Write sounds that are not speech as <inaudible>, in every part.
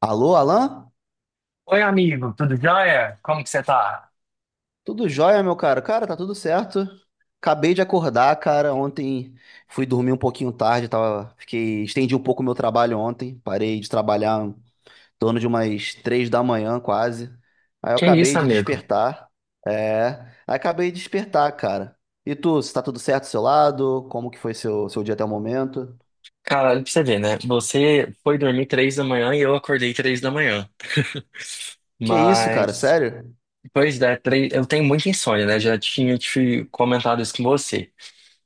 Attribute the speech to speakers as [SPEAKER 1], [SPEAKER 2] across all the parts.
[SPEAKER 1] Alô, Alan?
[SPEAKER 2] Oi, amigo, tudo jóia? Como que você tá?
[SPEAKER 1] Tudo jóia, meu cara? Cara, tá tudo certo. Acabei de acordar, cara. Ontem fui dormir um pouquinho tarde, Estendi um pouco o meu trabalho ontem. Parei de trabalhar em torno de umas 3 da manhã, quase. Aí eu
[SPEAKER 2] Que
[SPEAKER 1] acabei
[SPEAKER 2] isso,
[SPEAKER 1] de
[SPEAKER 2] amigo?
[SPEAKER 1] despertar. É... Aí acabei de despertar, cara. E tu, se tá tudo certo do seu lado? Como que foi seu dia até o momento?
[SPEAKER 2] Caralho, pra você ver, né? Você foi dormir 3 da manhã e eu acordei 3 da manhã.
[SPEAKER 1] Que isso, cara?
[SPEAKER 2] Mas,
[SPEAKER 1] Sério?
[SPEAKER 2] pois é, eu tenho muita insônia, né? Já tinha te comentado isso com você,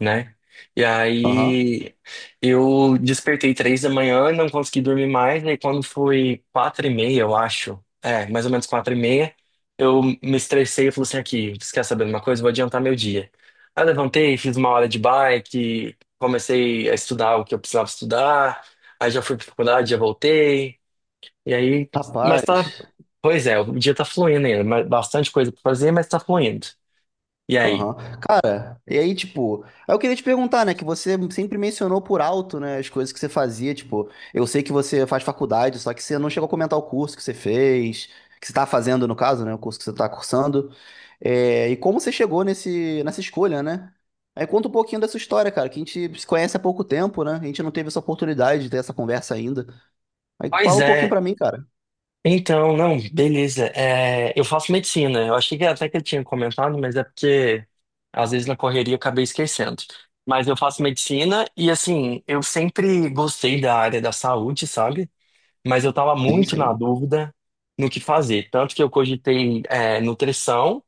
[SPEAKER 2] né? E
[SPEAKER 1] Aham.
[SPEAKER 2] aí eu despertei 3 da manhã, não consegui dormir mais, e aí quando foi 4h30, eu acho, mais ou menos 4h30, eu me estressei e falei assim, aqui, você quer saber de uma coisa? Vou adiantar meu dia. Aí eu levantei, fiz 1 hora de bike, comecei a estudar o que eu precisava estudar, aí já fui pra faculdade, já voltei, e aí, mas tá,
[SPEAKER 1] Rapaz.
[SPEAKER 2] pois é, o dia tá fluindo ainda, mas bastante coisa pra fazer, mas tá fluindo. E aí?
[SPEAKER 1] Aham. Cara, e aí, tipo, aí eu queria te perguntar, né, que você sempre mencionou por alto, né, as coisas que você fazia, tipo, eu sei que você faz faculdade, só que você não chegou a comentar o curso que você fez, que você tá fazendo, no caso, né, o curso que você tá cursando, e como você chegou nessa escolha, né? Aí conta um pouquinho dessa história, cara, que a gente se conhece há pouco tempo, né, a gente não teve essa oportunidade de ter essa conversa ainda. Aí
[SPEAKER 2] Pois
[SPEAKER 1] fala um pouquinho
[SPEAKER 2] é,
[SPEAKER 1] pra mim, cara.
[SPEAKER 2] então, não, beleza. É, eu faço medicina. Eu achei que até que eu tinha comentado, mas é porque às vezes na correria eu acabei esquecendo. Mas eu faço medicina e assim, eu sempre gostei da área da saúde, sabe? Mas eu tava
[SPEAKER 1] Sim,
[SPEAKER 2] muito na
[SPEAKER 1] sim.
[SPEAKER 2] dúvida no que fazer. Tanto que eu cogitei nutrição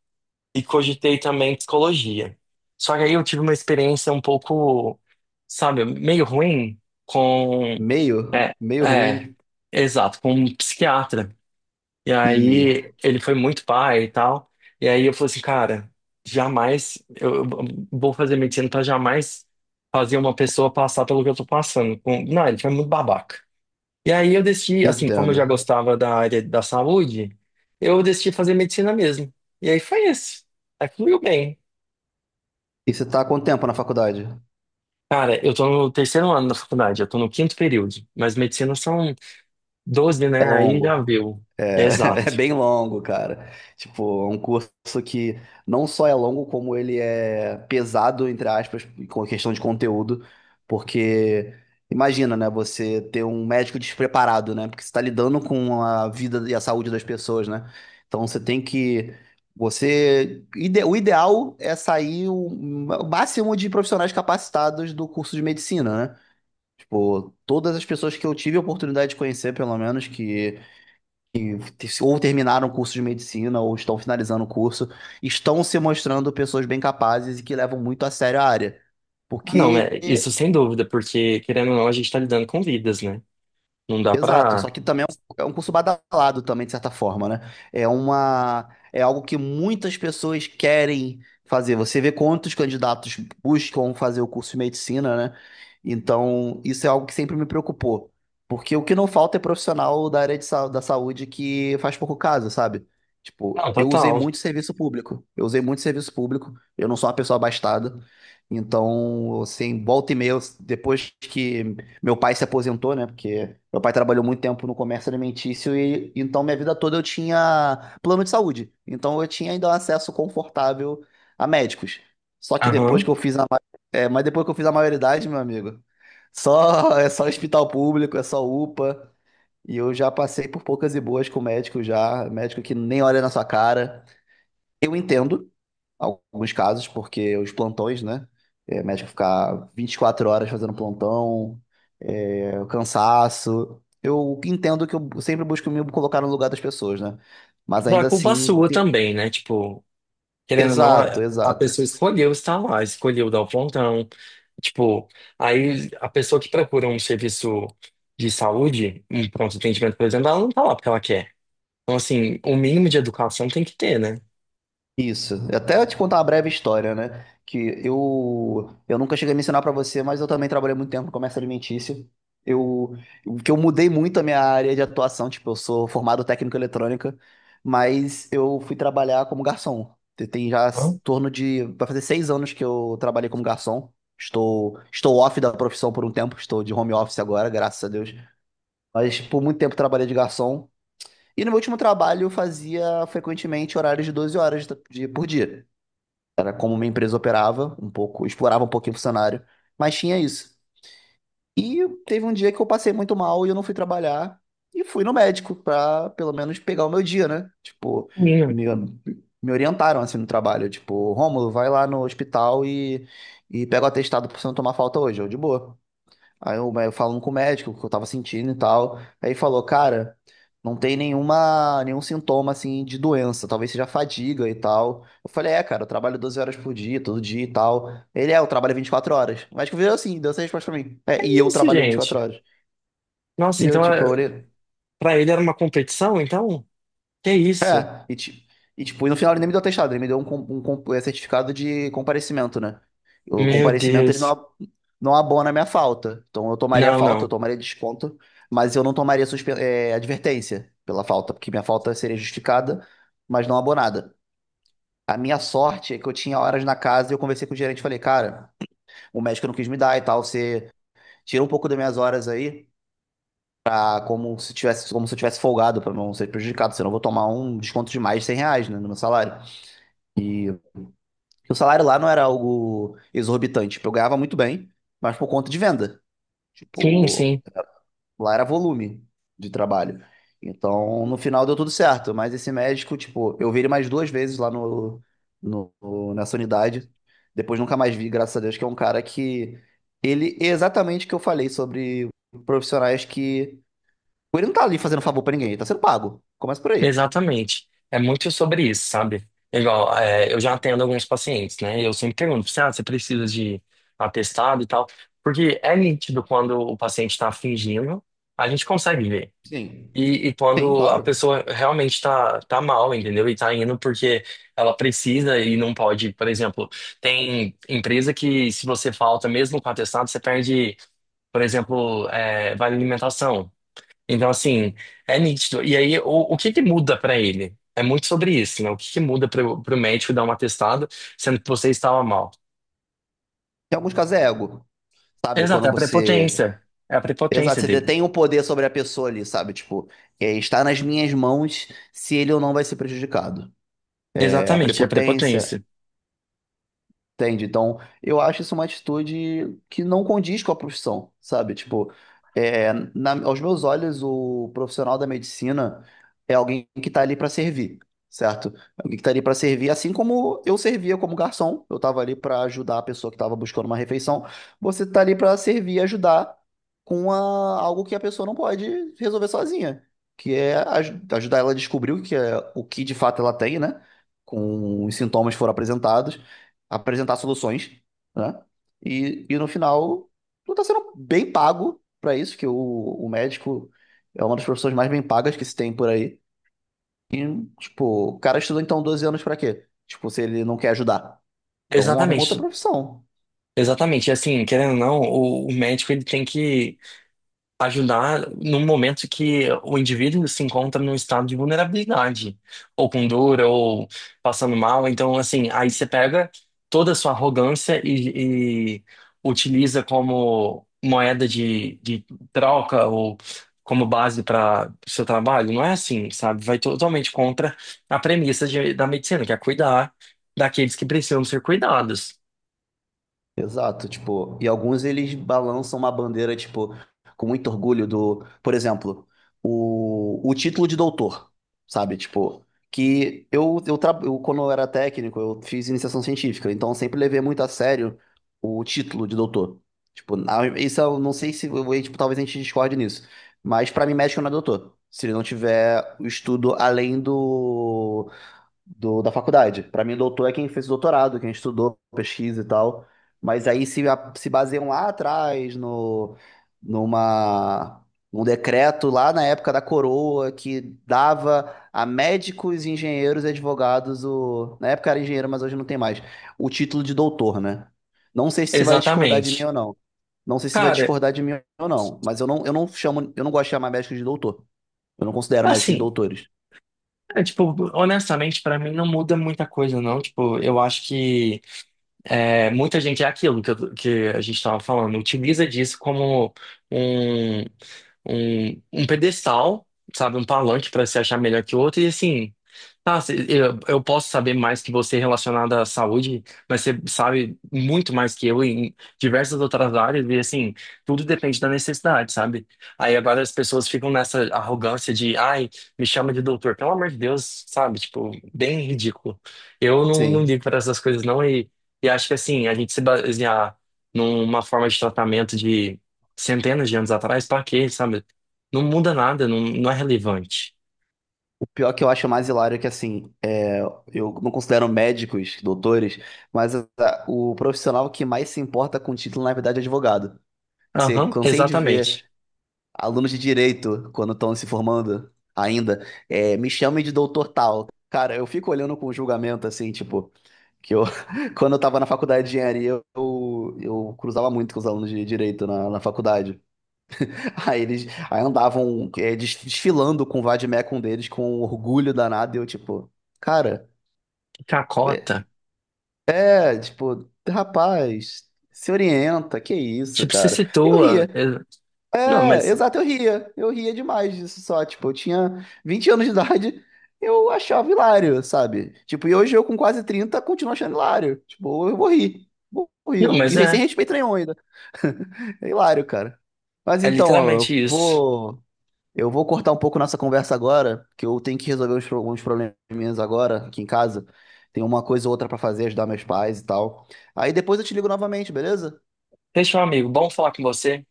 [SPEAKER 2] e cogitei também psicologia. Só que aí eu tive uma experiência um pouco, sabe, meio ruim com.
[SPEAKER 1] Meio,
[SPEAKER 2] É,
[SPEAKER 1] meio
[SPEAKER 2] é,
[SPEAKER 1] ruim
[SPEAKER 2] exato, com um psiquiatra. E aí
[SPEAKER 1] e
[SPEAKER 2] ele foi muito pai e tal. E aí eu falei assim, cara, jamais eu vou fazer medicina pra jamais fazer uma pessoa passar pelo que eu tô passando. Não, ele foi muito babaca. E aí eu decidi, assim, como eu já
[SPEAKER 1] entendo.
[SPEAKER 2] gostava da área da saúde, eu decidi fazer medicina mesmo. E aí foi isso. Aí fluiu bem.
[SPEAKER 1] E você tá há quanto tempo na faculdade?
[SPEAKER 2] Cara, eu tô no terceiro ano da faculdade, eu tô no quinto período, mas medicina são 12,
[SPEAKER 1] É
[SPEAKER 2] né? Aí já
[SPEAKER 1] longo,
[SPEAKER 2] viu.
[SPEAKER 1] <laughs> é
[SPEAKER 2] Exato.
[SPEAKER 1] bem longo, cara. Tipo, é um curso que não só é longo, como ele é pesado, entre aspas, com a questão de conteúdo, porque imagina, né, você ter um médico despreparado, né, porque você está lidando com a vida e a saúde das pessoas, né? Então você tem que, o ideal é sair o máximo de profissionais capacitados do curso de medicina, né? Tipo, todas as pessoas que eu tive a oportunidade de conhecer, pelo menos, que ou terminaram o curso de medicina ou estão finalizando o curso, estão se mostrando pessoas bem capazes e que levam muito a sério a área.
[SPEAKER 2] Ah, não,
[SPEAKER 1] Porque
[SPEAKER 2] é, isso sem dúvida, porque querendo ou não, a gente tá lidando com vidas, né? Não dá
[SPEAKER 1] Exato, só
[SPEAKER 2] pra.
[SPEAKER 1] que também é um curso badalado também, de certa forma, né? É algo que muitas pessoas querem fazer. Você vê quantos candidatos buscam fazer o curso de medicina, né? Então, isso é algo que sempre me preocupou. Porque o que não falta é profissional da área da saúde que faz pouco caso, sabe? Tipo,
[SPEAKER 2] Não,
[SPEAKER 1] eu usei
[SPEAKER 2] total.
[SPEAKER 1] muito serviço público. Eu usei muito serviço público. Eu não sou uma pessoa abastada. Então, assim, volta e meia, depois que meu pai se aposentou, né? Porque meu pai trabalhou muito tempo no comércio alimentício e então minha vida toda eu tinha plano de saúde. Então eu tinha ainda um acesso confortável a médicos. Só que depois
[SPEAKER 2] Aham.
[SPEAKER 1] que eu fiz mas depois que eu fiz a maioridade, meu amigo, só <laughs> é só hospital público, é só UPA. E eu já passei por poucas e boas com médico já, médico que nem olha na sua cara. Eu entendo alguns casos, porque os plantões, né? É, médico ficar 24 horas fazendo plantão, é, o cansaço. Eu entendo que eu sempre busco me colocar no lugar das pessoas, né? Mas
[SPEAKER 2] Não é
[SPEAKER 1] ainda
[SPEAKER 2] culpa
[SPEAKER 1] assim.
[SPEAKER 2] sua também, né? Tipo, querendo ou não,
[SPEAKER 1] Exato,
[SPEAKER 2] a, a
[SPEAKER 1] exato.
[SPEAKER 2] pessoa escolheu estar lá, escolheu dar o plantão. Tipo, aí a pessoa que procura um serviço de saúde, um pronto atendimento, por exemplo, ela não tá lá porque ela quer. Então, assim, o mínimo de educação tem que ter, né?
[SPEAKER 1] Isso. Até te contar uma breve história, né? Que eu nunca cheguei a mencionar pra você, mas eu também trabalhei muito tempo no comércio alimentício. Eu o que eu mudei muito a minha área de atuação, tipo, eu sou formado técnico em eletrônica, mas eu fui trabalhar como garçom. Tem já
[SPEAKER 2] Hã?
[SPEAKER 1] torno de vai fazer 6 anos que eu trabalhei como garçom. Estou off da profissão por um tempo, estou de home office agora, graças a Deus. Mas por muito tempo trabalhei de garçom. E no meu último trabalho eu fazia frequentemente horários de 12 horas por dia. Era como uma empresa operava um pouco, explorava um pouquinho o funcionário, mas tinha isso. E teve um dia que eu passei muito mal e eu não fui trabalhar e fui no médico pra pelo menos pegar o meu dia, né? Tipo,
[SPEAKER 2] Mínimo.
[SPEAKER 1] me, me orientaram assim no trabalho, tipo, Rômulo, vai lá no hospital e pega o atestado pra você não tomar falta hoje, eu de boa. Aí eu falando com o médico, o que eu tava sentindo e tal. Aí ele falou, cara, não tem nenhum sintoma assim de doença, talvez seja fadiga e tal. Eu falei, é, cara, eu trabalho 12 horas por dia, todo dia e tal. Eu trabalho 24 horas. O médico virou assim, deu essa resposta pra mim. É, e eu
[SPEAKER 2] Isso,
[SPEAKER 1] trabalho vinte e
[SPEAKER 2] gente.
[SPEAKER 1] quatro horas. E
[SPEAKER 2] Nossa,
[SPEAKER 1] eu,
[SPEAKER 2] então,
[SPEAKER 1] tipo,
[SPEAKER 2] é-
[SPEAKER 1] eu olhei.
[SPEAKER 2] pra ele era uma competição, então? Que isso?
[SPEAKER 1] É, e, ti- e tipo, e no final ele nem me deu atestado, ele me deu um certificado de comparecimento, né? O
[SPEAKER 2] Meu
[SPEAKER 1] comparecimento ele
[SPEAKER 2] Deus.
[SPEAKER 1] não abona a minha falta. Então eu tomaria
[SPEAKER 2] Não,
[SPEAKER 1] falta, eu
[SPEAKER 2] não.
[SPEAKER 1] tomaria desconto, mas eu não tomaria advertência pela falta, porque minha falta seria justificada, mas não abonada. A minha sorte é que eu tinha horas na casa e eu conversei com o gerente e falei, cara, o médico não quis me dar e tal, você tira um pouco das minhas horas aí, ah, como se tivesse, como se eu tivesse folgado pra não ser prejudicado, senão eu vou tomar um desconto de mais de R$ 100, né, no meu salário. Porque o salário lá não era algo exorbitante. Tipo, eu ganhava muito bem, mas por conta de venda.
[SPEAKER 2] Sim,
[SPEAKER 1] Tipo,
[SPEAKER 2] sim,
[SPEAKER 1] lá era volume de trabalho. Então, no final deu tudo certo. Mas esse médico, tipo, eu vi ele mais duas vezes lá nessa unidade. Depois nunca mais vi, graças a Deus, que é um cara que. Ele é exatamente o que eu falei sobre profissionais que. Tipo, ele não tá ali fazendo favor pra ninguém, ele tá sendo pago. Começa por aí.
[SPEAKER 2] exatamente. É muito sobre isso, sabe? É igual, é, eu já atendo alguns pacientes, né? E eu sempre pergunto, assim, ah, você precisa de atestado e tal? Porque é nítido quando o paciente está fingindo, a gente consegue ver.
[SPEAKER 1] Sim.
[SPEAKER 2] E
[SPEAKER 1] Sim,
[SPEAKER 2] quando a
[SPEAKER 1] claro.
[SPEAKER 2] pessoa realmente tá mal, entendeu? E tá indo porque ela precisa e não pode. Por exemplo, tem empresa que se você falta mesmo com atestado, você perde, por exemplo, vale alimentação. Então, assim, é nítido. E aí, o que que muda pra ele? É muito sobre isso, né? O que que muda pro médico dar um atestado, sendo que você estava mal?
[SPEAKER 1] Em alguns casos é ego, sabe?
[SPEAKER 2] Exato,
[SPEAKER 1] Quando
[SPEAKER 2] é a prepotência.
[SPEAKER 1] você
[SPEAKER 2] É a prepotência
[SPEAKER 1] Exato, você
[SPEAKER 2] dele.
[SPEAKER 1] detém o poder sobre a pessoa ali, sabe? Tipo, é, está nas minhas mãos se ele ou não vai ser prejudicado. É, a
[SPEAKER 2] Exatamente, é a
[SPEAKER 1] prepotência.
[SPEAKER 2] prepotência.
[SPEAKER 1] Entende? Então, eu acho isso uma atitude que não condiz com a profissão, sabe? Tipo, aos meus olhos, o profissional da medicina é alguém que está ali para servir, certo? Alguém que está ali para servir, assim como eu servia como garçom, eu estava ali para ajudar a pessoa que estava buscando uma refeição. Você está ali para servir e ajudar com algo que a pessoa não pode resolver sozinha, que é ajudar ela a descobrir o que é, o que de fato ela tem, né? Com os sintomas que foram apresentados apresentar soluções, né? E no final, tu tá sendo bem pago pra isso, que o médico é uma das profissões mais bem pagas que se tem por aí. E, tipo, o cara estudou então 12 anos pra quê? Tipo, se ele não quer ajudar. Então arruma outra
[SPEAKER 2] Exatamente.
[SPEAKER 1] profissão.
[SPEAKER 2] Exatamente. E assim, querendo ou não, o médico ele tem que ajudar no momento que o indivíduo se encontra num estado de vulnerabilidade, ou com dor, ou passando mal. Então, assim, aí você pega toda a sua arrogância e utiliza como moeda de troca ou como base para o seu trabalho. Não é assim, sabe? Vai totalmente contra a premissa da medicina, que é cuidar daqueles que precisam ser cuidados.
[SPEAKER 1] Exato, tipo, e alguns eles balançam uma bandeira, tipo, com muito orgulho do, por exemplo, o título de doutor, sabe? Tipo, que quando eu era técnico, eu fiz iniciação científica, então eu sempre levei muito a sério o título de doutor. Tipo, isso eu não sei se, tipo, talvez a gente discorde nisso, mas pra mim médico não é doutor, se ele não tiver o estudo além da faculdade. Para mim, doutor é quem fez o doutorado, quem estudou, pesquisa e tal. Mas aí se baseiam lá atrás no, numa, num decreto lá na época da coroa que dava a médicos, engenheiros e advogados o, na época era engenheiro, mas hoje não tem mais, o título de doutor, né? Não sei se você vai discordar de mim
[SPEAKER 2] Exatamente.
[SPEAKER 1] ou não. Não sei se vai
[SPEAKER 2] Cara,
[SPEAKER 1] discordar de mim ou não, mas eu não chamo, eu não gosto de chamar médicos de doutor. Eu não considero médicos
[SPEAKER 2] assim.
[SPEAKER 1] doutores.
[SPEAKER 2] É, tipo, honestamente, pra mim não muda muita coisa, não. Tipo, eu acho que. É, muita gente é aquilo que a gente estava falando, utiliza disso como um, um pedestal, sabe? Um palanque para se achar melhor que o outro, e assim, eu posso saber mais que você relacionado à saúde, mas você sabe muito mais que eu em diversas outras áreas, e assim, tudo depende da necessidade, sabe? Aí agora as pessoas ficam nessa arrogância de, ai, me chama de doutor, pelo amor de Deus, sabe? Tipo, bem ridículo. Eu não
[SPEAKER 1] Sim.
[SPEAKER 2] ligo para essas coisas, não, e acho que assim, a gente se basear numa forma de tratamento de centenas de anos atrás, pra quê, sabe? Não muda nada, não, não é relevante.
[SPEAKER 1] O pior que eu acho mais hilário é que, assim, é, eu não considero médicos, doutores, mas o profissional que mais se importa com o título, na verdade, é advogado. Você
[SPEAKER 2] Aham,
[SPEAKER 1] Cansei de ver
[SPEAKER 2] exatamente.
[SPEAKER 1] alunos de direito, quando estão se formando ainda, me chamem de doutor tal. Cara, eu fico olhando com julgamento, assim, tipo, que <laughs> quando eu tava na faculdade de engenharia, eu cruzava muito com os alunos de direito na faculdade. Aí eles aí andavam desfilando com o Vadmecum deles com um orgulho danado. E eu, tipo, cara,
[SPEAKER 2] Cacota.
[SPEAKER 1] é, rapaz, se orienta, que isso,
[SPEAKER 2] Tipo, se
[SPEAKER 1] cara. Eu
[SPEAKER 2] situa.
[SPEAKER 1] ria.
[SPEAKER 2] Não,
[SPEAKER 1] É,
[SPEAKER 2] mas.
[SPEAKER 1] exato, eu ria. Eu ria demais disso só. Tipo, eu tinha 20 anos de idade, eu achava hilário, sabe? Tipo, e hoje eu com quase 30 continuo achando hilário. Tipo, eu vou rir. Vou rir,
[SPEAKER 2] Não,
[SPEAKER 1] não,
[SPEAKER 2] mas
[SPEAKER 1] sem
[SPEAKER 2] é.
[SPEAKER 1] respeito nenhum ainda. <laughs> É hilário, cara. Mas
[SPEAKER 2] É
[SPEAKER 1] então, Alan, eu
[SPEAKER 2] literalmente isso.
[SPEAKER 1] vou. Eu vou cortar um pouco nossa conversa agora, que eu tenho que resolver uns probleminhas agora aqui em casa. Tem uma coisa ou outra pra fazer, ajudar meus pais e tal. Aí depois eu te ligo novamente, beleza?
[SPEAKER 2] Deixa, meu amigo, bom falar com você.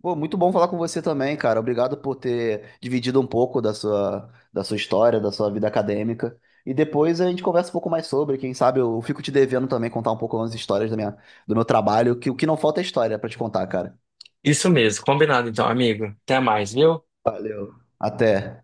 [SPEAKER 1] Pô, muito bom falar com você também, cara. Obrigado por ter dividido um pouco da sua história, da sua vida acadêmica. E depois a gente conversa um pouco mais sobre. Quem sabe eu fico te devendo também contar um pouco umas histórias da do meu trabalho, que o que não falta é história pra te contar, cara.
[SPEAKER 2] Isso mesmo, combinado então, amigo. Até mais, viu?
[SPEAKER 1] Até.